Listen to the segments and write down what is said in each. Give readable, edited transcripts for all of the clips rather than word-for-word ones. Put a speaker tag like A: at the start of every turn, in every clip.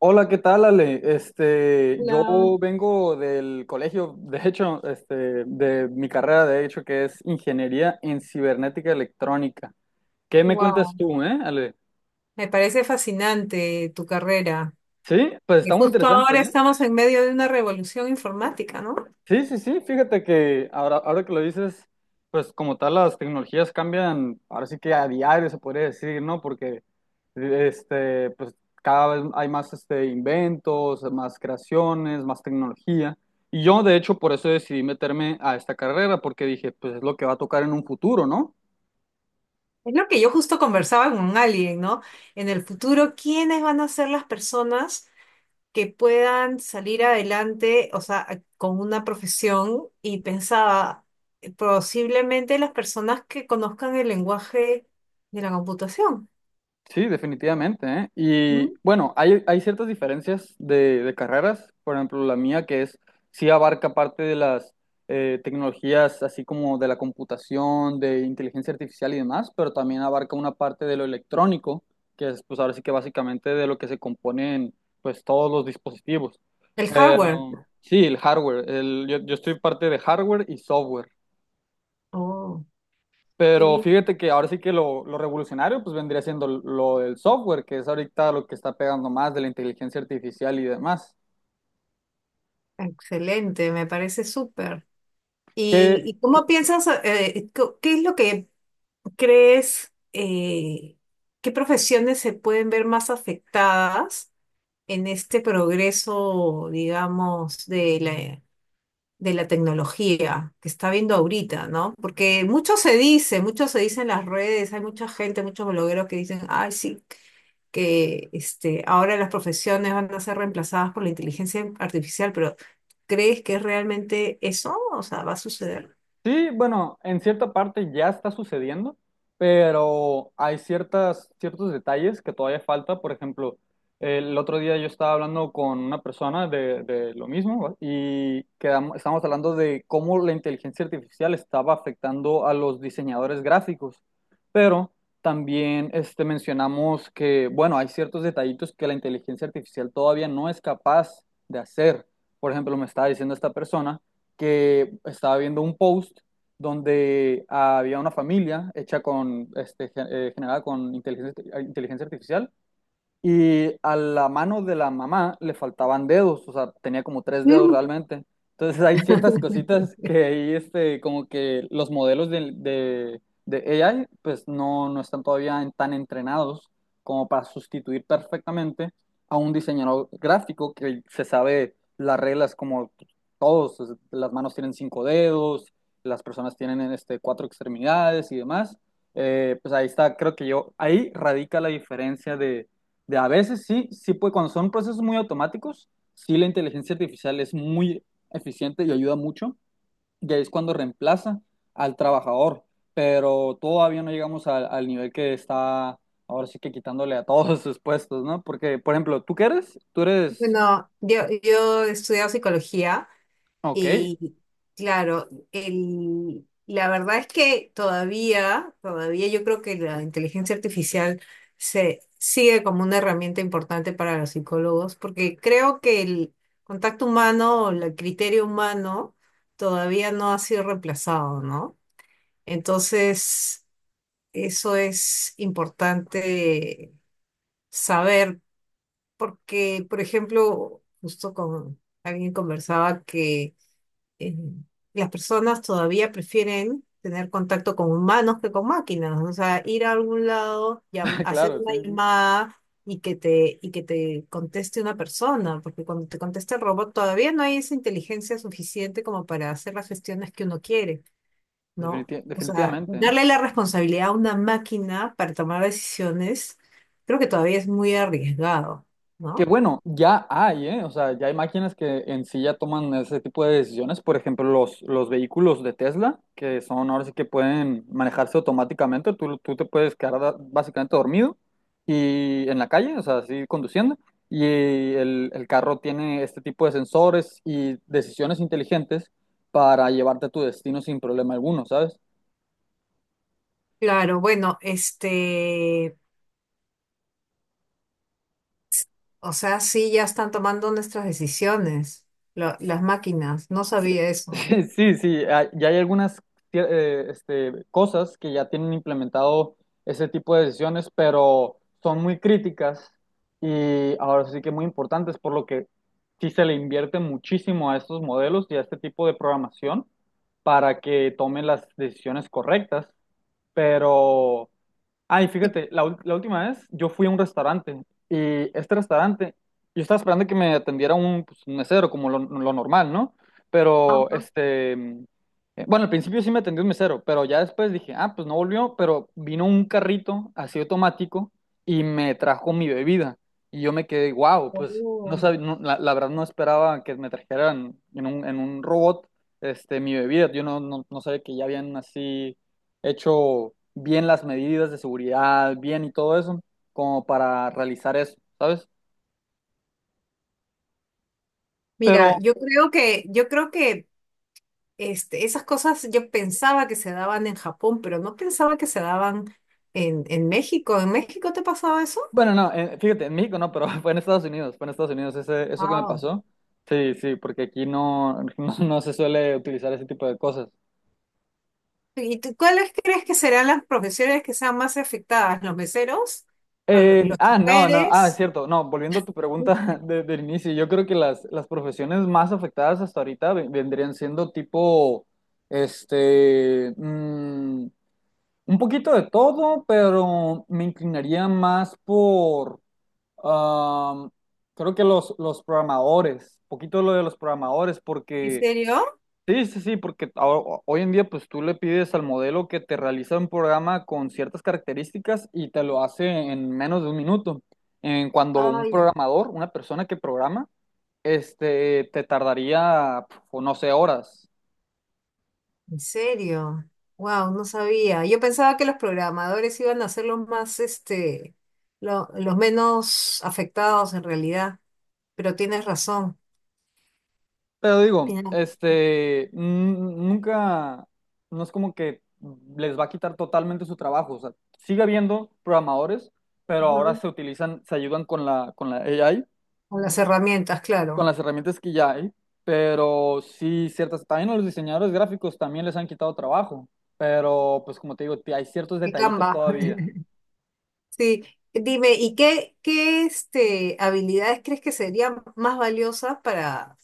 A: Hola, ¿qué tal, Ale? Yo
B: Hola,
A: vengo del colegio, de hecho, de mi carrera, de hecho, que es ingeniería en cibernética electrónica. ¿Qué me
B: wow,
A: cuentas tú, Ale?
B: me parece fascinante tu carrera.
A: Sí, pues
B: Y
A: está muy
B: justo
A: interesante,
B: ahora
A: ¿eh?
B: estamos en medio de una revolución informática, ¿no?
A: Sí, sí, sí, fíjate que ahora que lo dices, pues como tal las tecnologías cambian, ahora sí que a diario se podría decir, ¿no? Porque pues cada vez hay más inventos, más creaciones, más tecnología. Y yo de hecho por eso decidí meterme a esta carrera, porque dije, pues es lo que va a tocar en un futuro, ¿no?
B: Es lo que yo justo conversaba con alguien, ¿no? En el futuro, ¿quiénes van a ser las personas que puedan salir adelante, o sea, con una profesión? Y pensaba, posiblemente las personas que conozcan el lenguaje de la computación.
A: Sí, definitivamente, ¿eh? Y
B: ¿M?
A: bueno, hay ciertas diferencias de carreras, por ejemplo, la mía que es, sí abarca parte de las tecnologías, así como de la computación, de inteligencia artificial y demás, pero también abarca una parte de lo electrónico, que es pues ahora sí que básicamente de lo que se componen pues todos los dispositivos.
B: El hardware.
A: Pero sí, el hardware, yo estoy parte de hardware y software.
B: Oh, qué
A: Pero
B: bien.
A: fíjate que ahora sí que lo revolucionario pues vendría siendo lo del software, que es ahorita lo que está pegando más de la inteligencia artificial y demás.
B: Excelente, me parece súper.
A: ¿Qué,
B: Y
A: qué-
B: cómo piensas, qué es lo que crees, qué profesiones se pueden ver más afectadas en este progreso, digamos, de la tecnología que está viendo ahorita, ¿no? Porque mucho se dice en las redes, hay mucha gente, muchos blogueros que dicen, ay, sí, que este, ahora las profesiones van a ser reemplazadas por la inteligencia artificial, pero ¿crees que es realmente eso? O sea, ¿va a suceder?
A: Sí, bueno, en cierta parte ya está sucediendo, pero hay ciertos detalles que todavía falta. Por ejemplo, el otro día yo estaba hablando con una persona de lo mismo, ¿va? Y estábamos hablando de cómo la inteligencia artificial estaba afectando a los diseñadores gráficos, pero también mencionamos que, bueno, hay ciertos detallitos que la inteligencia artificial todavía no es capaz de hacer. Por ejemplo, me estaba diciendo esta persona que estaba viendo un post donde había una familia hecha con, generada con inteligencia artificial, y a la mano de la mamá le faltaban dedos, o sea, tenía como tres dedos realmente. Entonces hay ciertas cositas que ahí, como que los modelos de AI, pues no están todavía tan entrenados como para sustituir perfectamente a un diseñador gráfico que se sabe las reglas como todos, o sea, las manos tienen cinco dedos, las personas tienen cuatro extremidades y demás. Pues ahí está, creo que yo, ahí radica la diferencia de a veces sí, sí puede, cuando son procesos muy automáticos, sí la inteligencia artificial es muy eficiente y ayuda mucho, y ahí es cuando reemplaza al trabajador, pero todavía no llegamos al nivel que está ahora sí que quitándole a todos sus puestos, ¿no? Porque, por ejemplo, ¿tú qué eres? Tú eres...
B: Bueno, yo he estudiado psicología
A: Ok,
B: y claro, el, la verdad es que todavía yo creo que la inteligencia artificial se sigue como una herramienta importante para los psicólogos, porque creo que el contacto humano, o el criterio humano, todavía no ha sido reemplazado, ¿no? Entonces, eso es importante saber porque, por ejemplo, justo con alguien conversaba que eh, las personas todavía prefieren tener contacto con humanos que con máquinas, o sea, ir a algún lado, hacer
A: claro,
B: una
A: sí, sí,
B: llamada y que te conteste una persona, porque cuando te contesta el robot todavía no hay esa inteligencia suficiente como para hacer las gestiones que uno quiere, ¿no? O sea,
A: definitivamente, ¿eh?
B: darle la responsabilidad a una máquina para tomar decisiones, creo que todavía es muy arriesgado.
A: Que
B: ¿No?
A: bueno, ya hay, ¿eh? O sea, ya hay máquinas que en sí ya toman ese tipo de decisiones. Por ejemplo, los vehículos de Tesla, que son ahora sí que pueden manejarse automáticamente. Tú te puedes quedar básicamente dormido y en la calle, o sea, así conduciendo. Y el carro tiene este tipo de sensores y decisiones inteligentes para llevarte a tu destino sin problema alguno, ¿sabes?
B: Claro, bueno, este, o sea, sí, ya están tomando nuestras decisiones, las máquinas, no
A: Sí,
B: sabía eso.
A: sí, sí, ya hay algunas cosas que ya tienen implementado ese tipo de decisiones, pero son muy críticas y ahora sí que muy importantes, por lo que sí se le invierte muchísimo a estos modelos y a este tipo de programación para que tomen las decisiones correctas, pero... Ay,
B: Y-
A: fíjate, la última vez yo fui a un restaurante, y este restaurante, yo estaba esperando que me atendiera un, pues, un mesero, como lo normal, ¿no? Pero,
B: Ajá.
A: bueno, al principio sí me atendió un mesero, pero ya después dije, ah, pues no volvió, pero vino un carrito así automático y me trajo mi bebida. Y yo me quedé, wow, pues
B: Oh.
A: no, la verdad no esperaba que me trajeran en un robot, mi bebida. Yo no sabía que ya habían así hecho bien las medidas de seguridad, bien y todo eso, como para realizar eso, ¿sabes? Pero,
B: Mira, yo creo que este, esas cosas yo pensaba que se daban en Japón, pero no pensaba que se daban en México. ¿En México te pasaba eso?
A: bueno, no, fíjate, en México no, pero fue en Estados Unidos eso que me
B: Ah.
A: pasó. Sí, sí, porque aquí no, no se suele utilizar ese tipo de cosas.
B: ¿Y tú, cuáles crees que serán las profesiones que sean más afectadas? ¿Los meseros? ¿O los
A: Ah, no, no, ah, es
B: choferes?
A: cierto, no, volviendo a tu pregunta, del inicio, yo creo que las profesiones más afectadas hasta ahorita vendrían siendo tipo, este, mm, un poquito de todo, pero me inclinaría más por, am, creo que los programadores, un poquito lo de los programadores,
B: ¿En
A: porque,
B: serio?
A: sí, sí, sí, porque hoy en día pues tú le pides al modelo que te realiza un programa con ciertas características y te lo hace en menos de un minuto. En cuando un
B: Ay.
A: programador, una persona que programa, este, te tardaría, o no sé, horas.
B: ¿En serio? Wow, no sabía. Yo pensaba que los programadores iban a ser los más, este, los menos afectados en realidad, pero tienes razón.
A: Pero digo,
B: Tienes.
A: nunca, no es como que les va a quitar totalmente su trabajo. O sea, sigue habiendo programadores, pero ahora
B: Ujú.
A: se ayudan con la AI,
B: Con las herramientas,
A: con
B: claro.
A: las herramientas que ya hay. Pero sí, también a los diseñadores gráficos también les han quitado trabajo. Pero pues como te digo, hay ciertos
B: Y
A: detallitos
B: Canva.
A: todavía.
B: Sí. Dime, ¿y qué, qué este, habilidades crees que serían más valiosas para,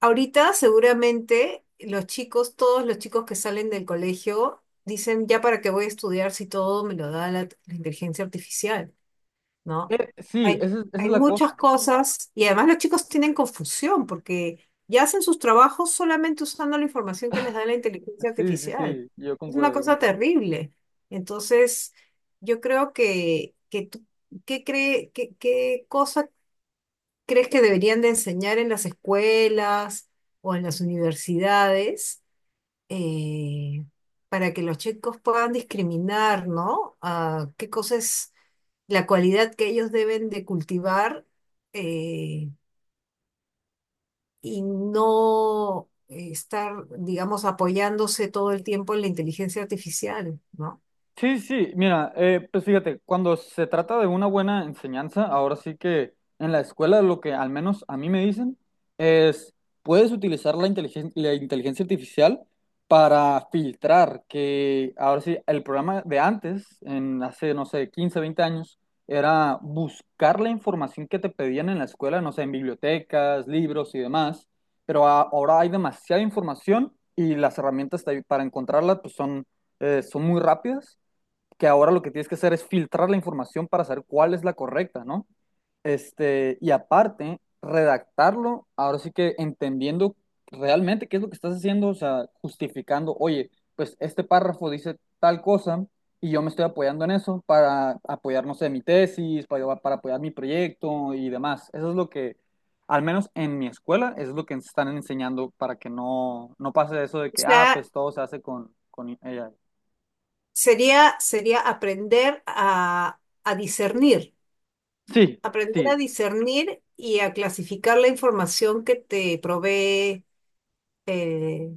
B: ahorita seguramente los chicos, todos los chicos que salen del colegio, dicen, ya para qué voy a estudiar si todo me lo da la, la inteligencia artificial, ¿no?
A: Sí,
B: Hay,
A: esa es
B: hay
A: la
B: muchas
A: cosa.
B: cosas y además los chicos tienen confusión porque ya hacen sus trabajos solamente usando la información que les da la inteligencia
A: Sí, sí,
B: artificial.
A: sí, yo
B: Es una
A: concuerdo, yo
B: cosa
A: concuerdo.
B: terrible. Entonces, yo creo que, ¿qué cree, qué, qué cosa ¿crees que deberían de enseñar en las escuelas o en las universidades eh, para que los chicos puedan discriminar, ¿no? Ah, qué cosa es la cualidad que ellos deben de cultivar eh, y no estar, digamos, apoyándose todo el tiempo en la inteligencia artificial, ¿no?
A: Sí, sí, mira, pues fíjate, cuando se trata de una buena enseñanza, ahora sí que en la escuela lo que al menos a mí me dicen es, puedes utilizar la inteligencia artificial para filtrar, que ahora sí, el programa de antes, en hace, no sé, 15, 20 años, era buscar la información que te pedían en la escuela, no sé, en bibliotecas, libros y demás, pero ahora hay demasiada información y las herramientas para encontrarla pues son muy rápidas, que ahora lo que tienes que hacer es filtrar la información para saber cuál es la correcta, ¿no? Y aparte, redactarlo, ahora sí que entendiendo realmente qué es lo que estás haciendo, o sea, justificando, oye, pues este párrafo dice tal cosa y yo me estoy apoyando en eso para apoyar, no sé, mi tesis, para apoyar mi proyecto y demás. Eso es lo que, al menos en mi escuela, eso es lo que están enseñando, para que no pase eso de
B: O
A: que, ah,
B: sea,
A: pues todo se hace con, AI.
B: sería, sería aprender a discernir.
A: Sí,
B: Aprender
A: sí,
B: a discernir y a clasificar la información que te provee eh,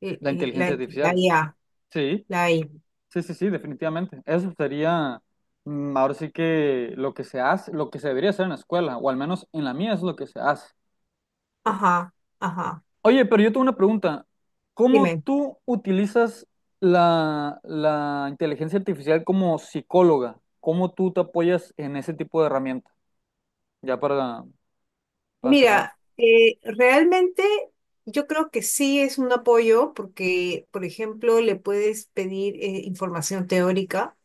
A: la
B: la,
A: inteligencia
B: e, la
A: artificial.
B: IA,
A: Sí,
B: la AI.
A: sí, sí, sí, definitivamente. Eso sería, ahora sí que lo que se hace, lo que se debería hacer en la escuela, o al menos en la mía es lo que se hace.
B: Ajá, ajá.
A: Oye, pero yo tengo una pregunta. ¿Cómo
B: Dime.
A: tú utilizas la inteligencia artificial como psicóloga? ¿Cómo tú te apoyas en ese tipo de herramienta? Ya para, cerrar.
B: Mira, realmente yo creo que sí es un apoyo porque, por ejemplo, le puedes pedir información teórica.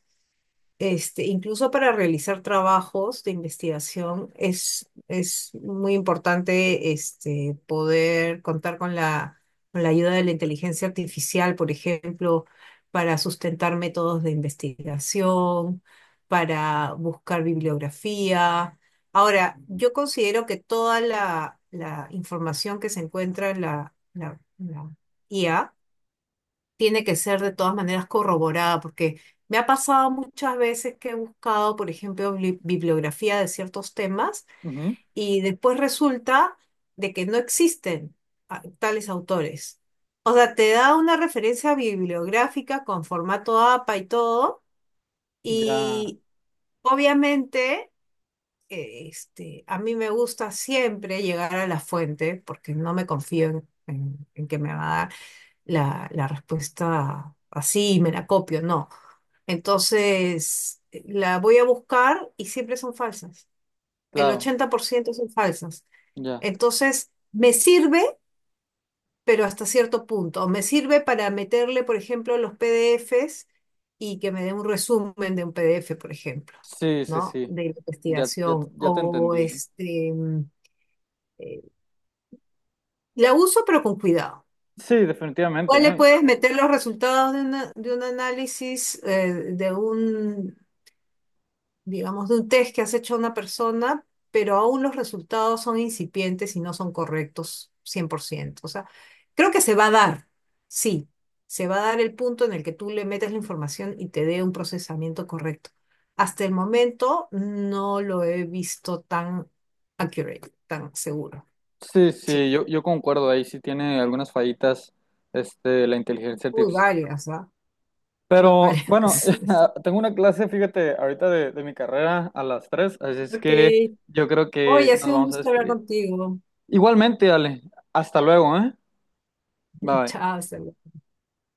B: Este, incluso para realizar trabajos de investigación es muy importante este, poder contar con la ayuda de la inteligencia artificial, por ejemplo, para sustentar métodos de investigación, para buscar bibliografía. Ahora, yo considero que toda la, la información que se encuentra en la, la IA, tiene que ser de todas maneras corroborada, porque me ha pasado muchas veces que he buscado, por ejemplo, bibliografía de ciertos temas
A: Ujú.
B: y después resulta de que no existen ah, tales autores. O sea, te da una referencia bibliográfica con formato APA y todo,
A: Ya,
B: y obviamente... este, a mí me gusta siempre llegar a la fuente porque no me confío en en que me va a dar la, la respuesta así y me la copio, no. Entonces, la voy a buscar y siempre son falsas. El
A: claro,
B: 80% son falsas.
A: ya.
B: Entonces, me sirve, pero hasta cierto punto. Me sirve para meterle, por ejemplo, los PDFs y que me dé un resumen de un PDF, por ejemplo,
A: Sí, sí,
B: ¿no?
A: sí.
B: De la
A: Ya, ya,
B: investigación.
A: ya te
B: O
A: entendí.
B: este, mm, eh, la uso, pero con cuidado.
A: Sí, definitivamente,
B: ¿Cuál le
A: ¿eh?
B: puedes meter los resultados de, de un análisis, de un, digamos, de un test que has hecho a una persona, pero aún los resultados son incipientes y no son correctos 100%? O sea, creo que se va a dar, sí, se va a dar el punto en el que tú le metes la información y te dé un procesamiento correcto. Hasta el momento no lo he visto tan accurate, tan seguro.
A: Sí,
B: Sí.
A: sí, yo concuerdo, ahí sí tiene algunas fallitas, la inteligencia
B: Uy,
A: artificial.
B: varias, ¿ah?
A: Pero
B: Varias.
A: bueno, tengo una clase, fíjate, ahorita de mi carrera a las 3, así es
B: Ok,
A: que yo creo que
B: oye, ha
A: nos
B: sido un
A: vamos a
B: gusto hablar
A: despedir.
B: contigo.
A: Igualmente, Ale, hasta luego, ¿eh? Bye.
B: Chao, hasta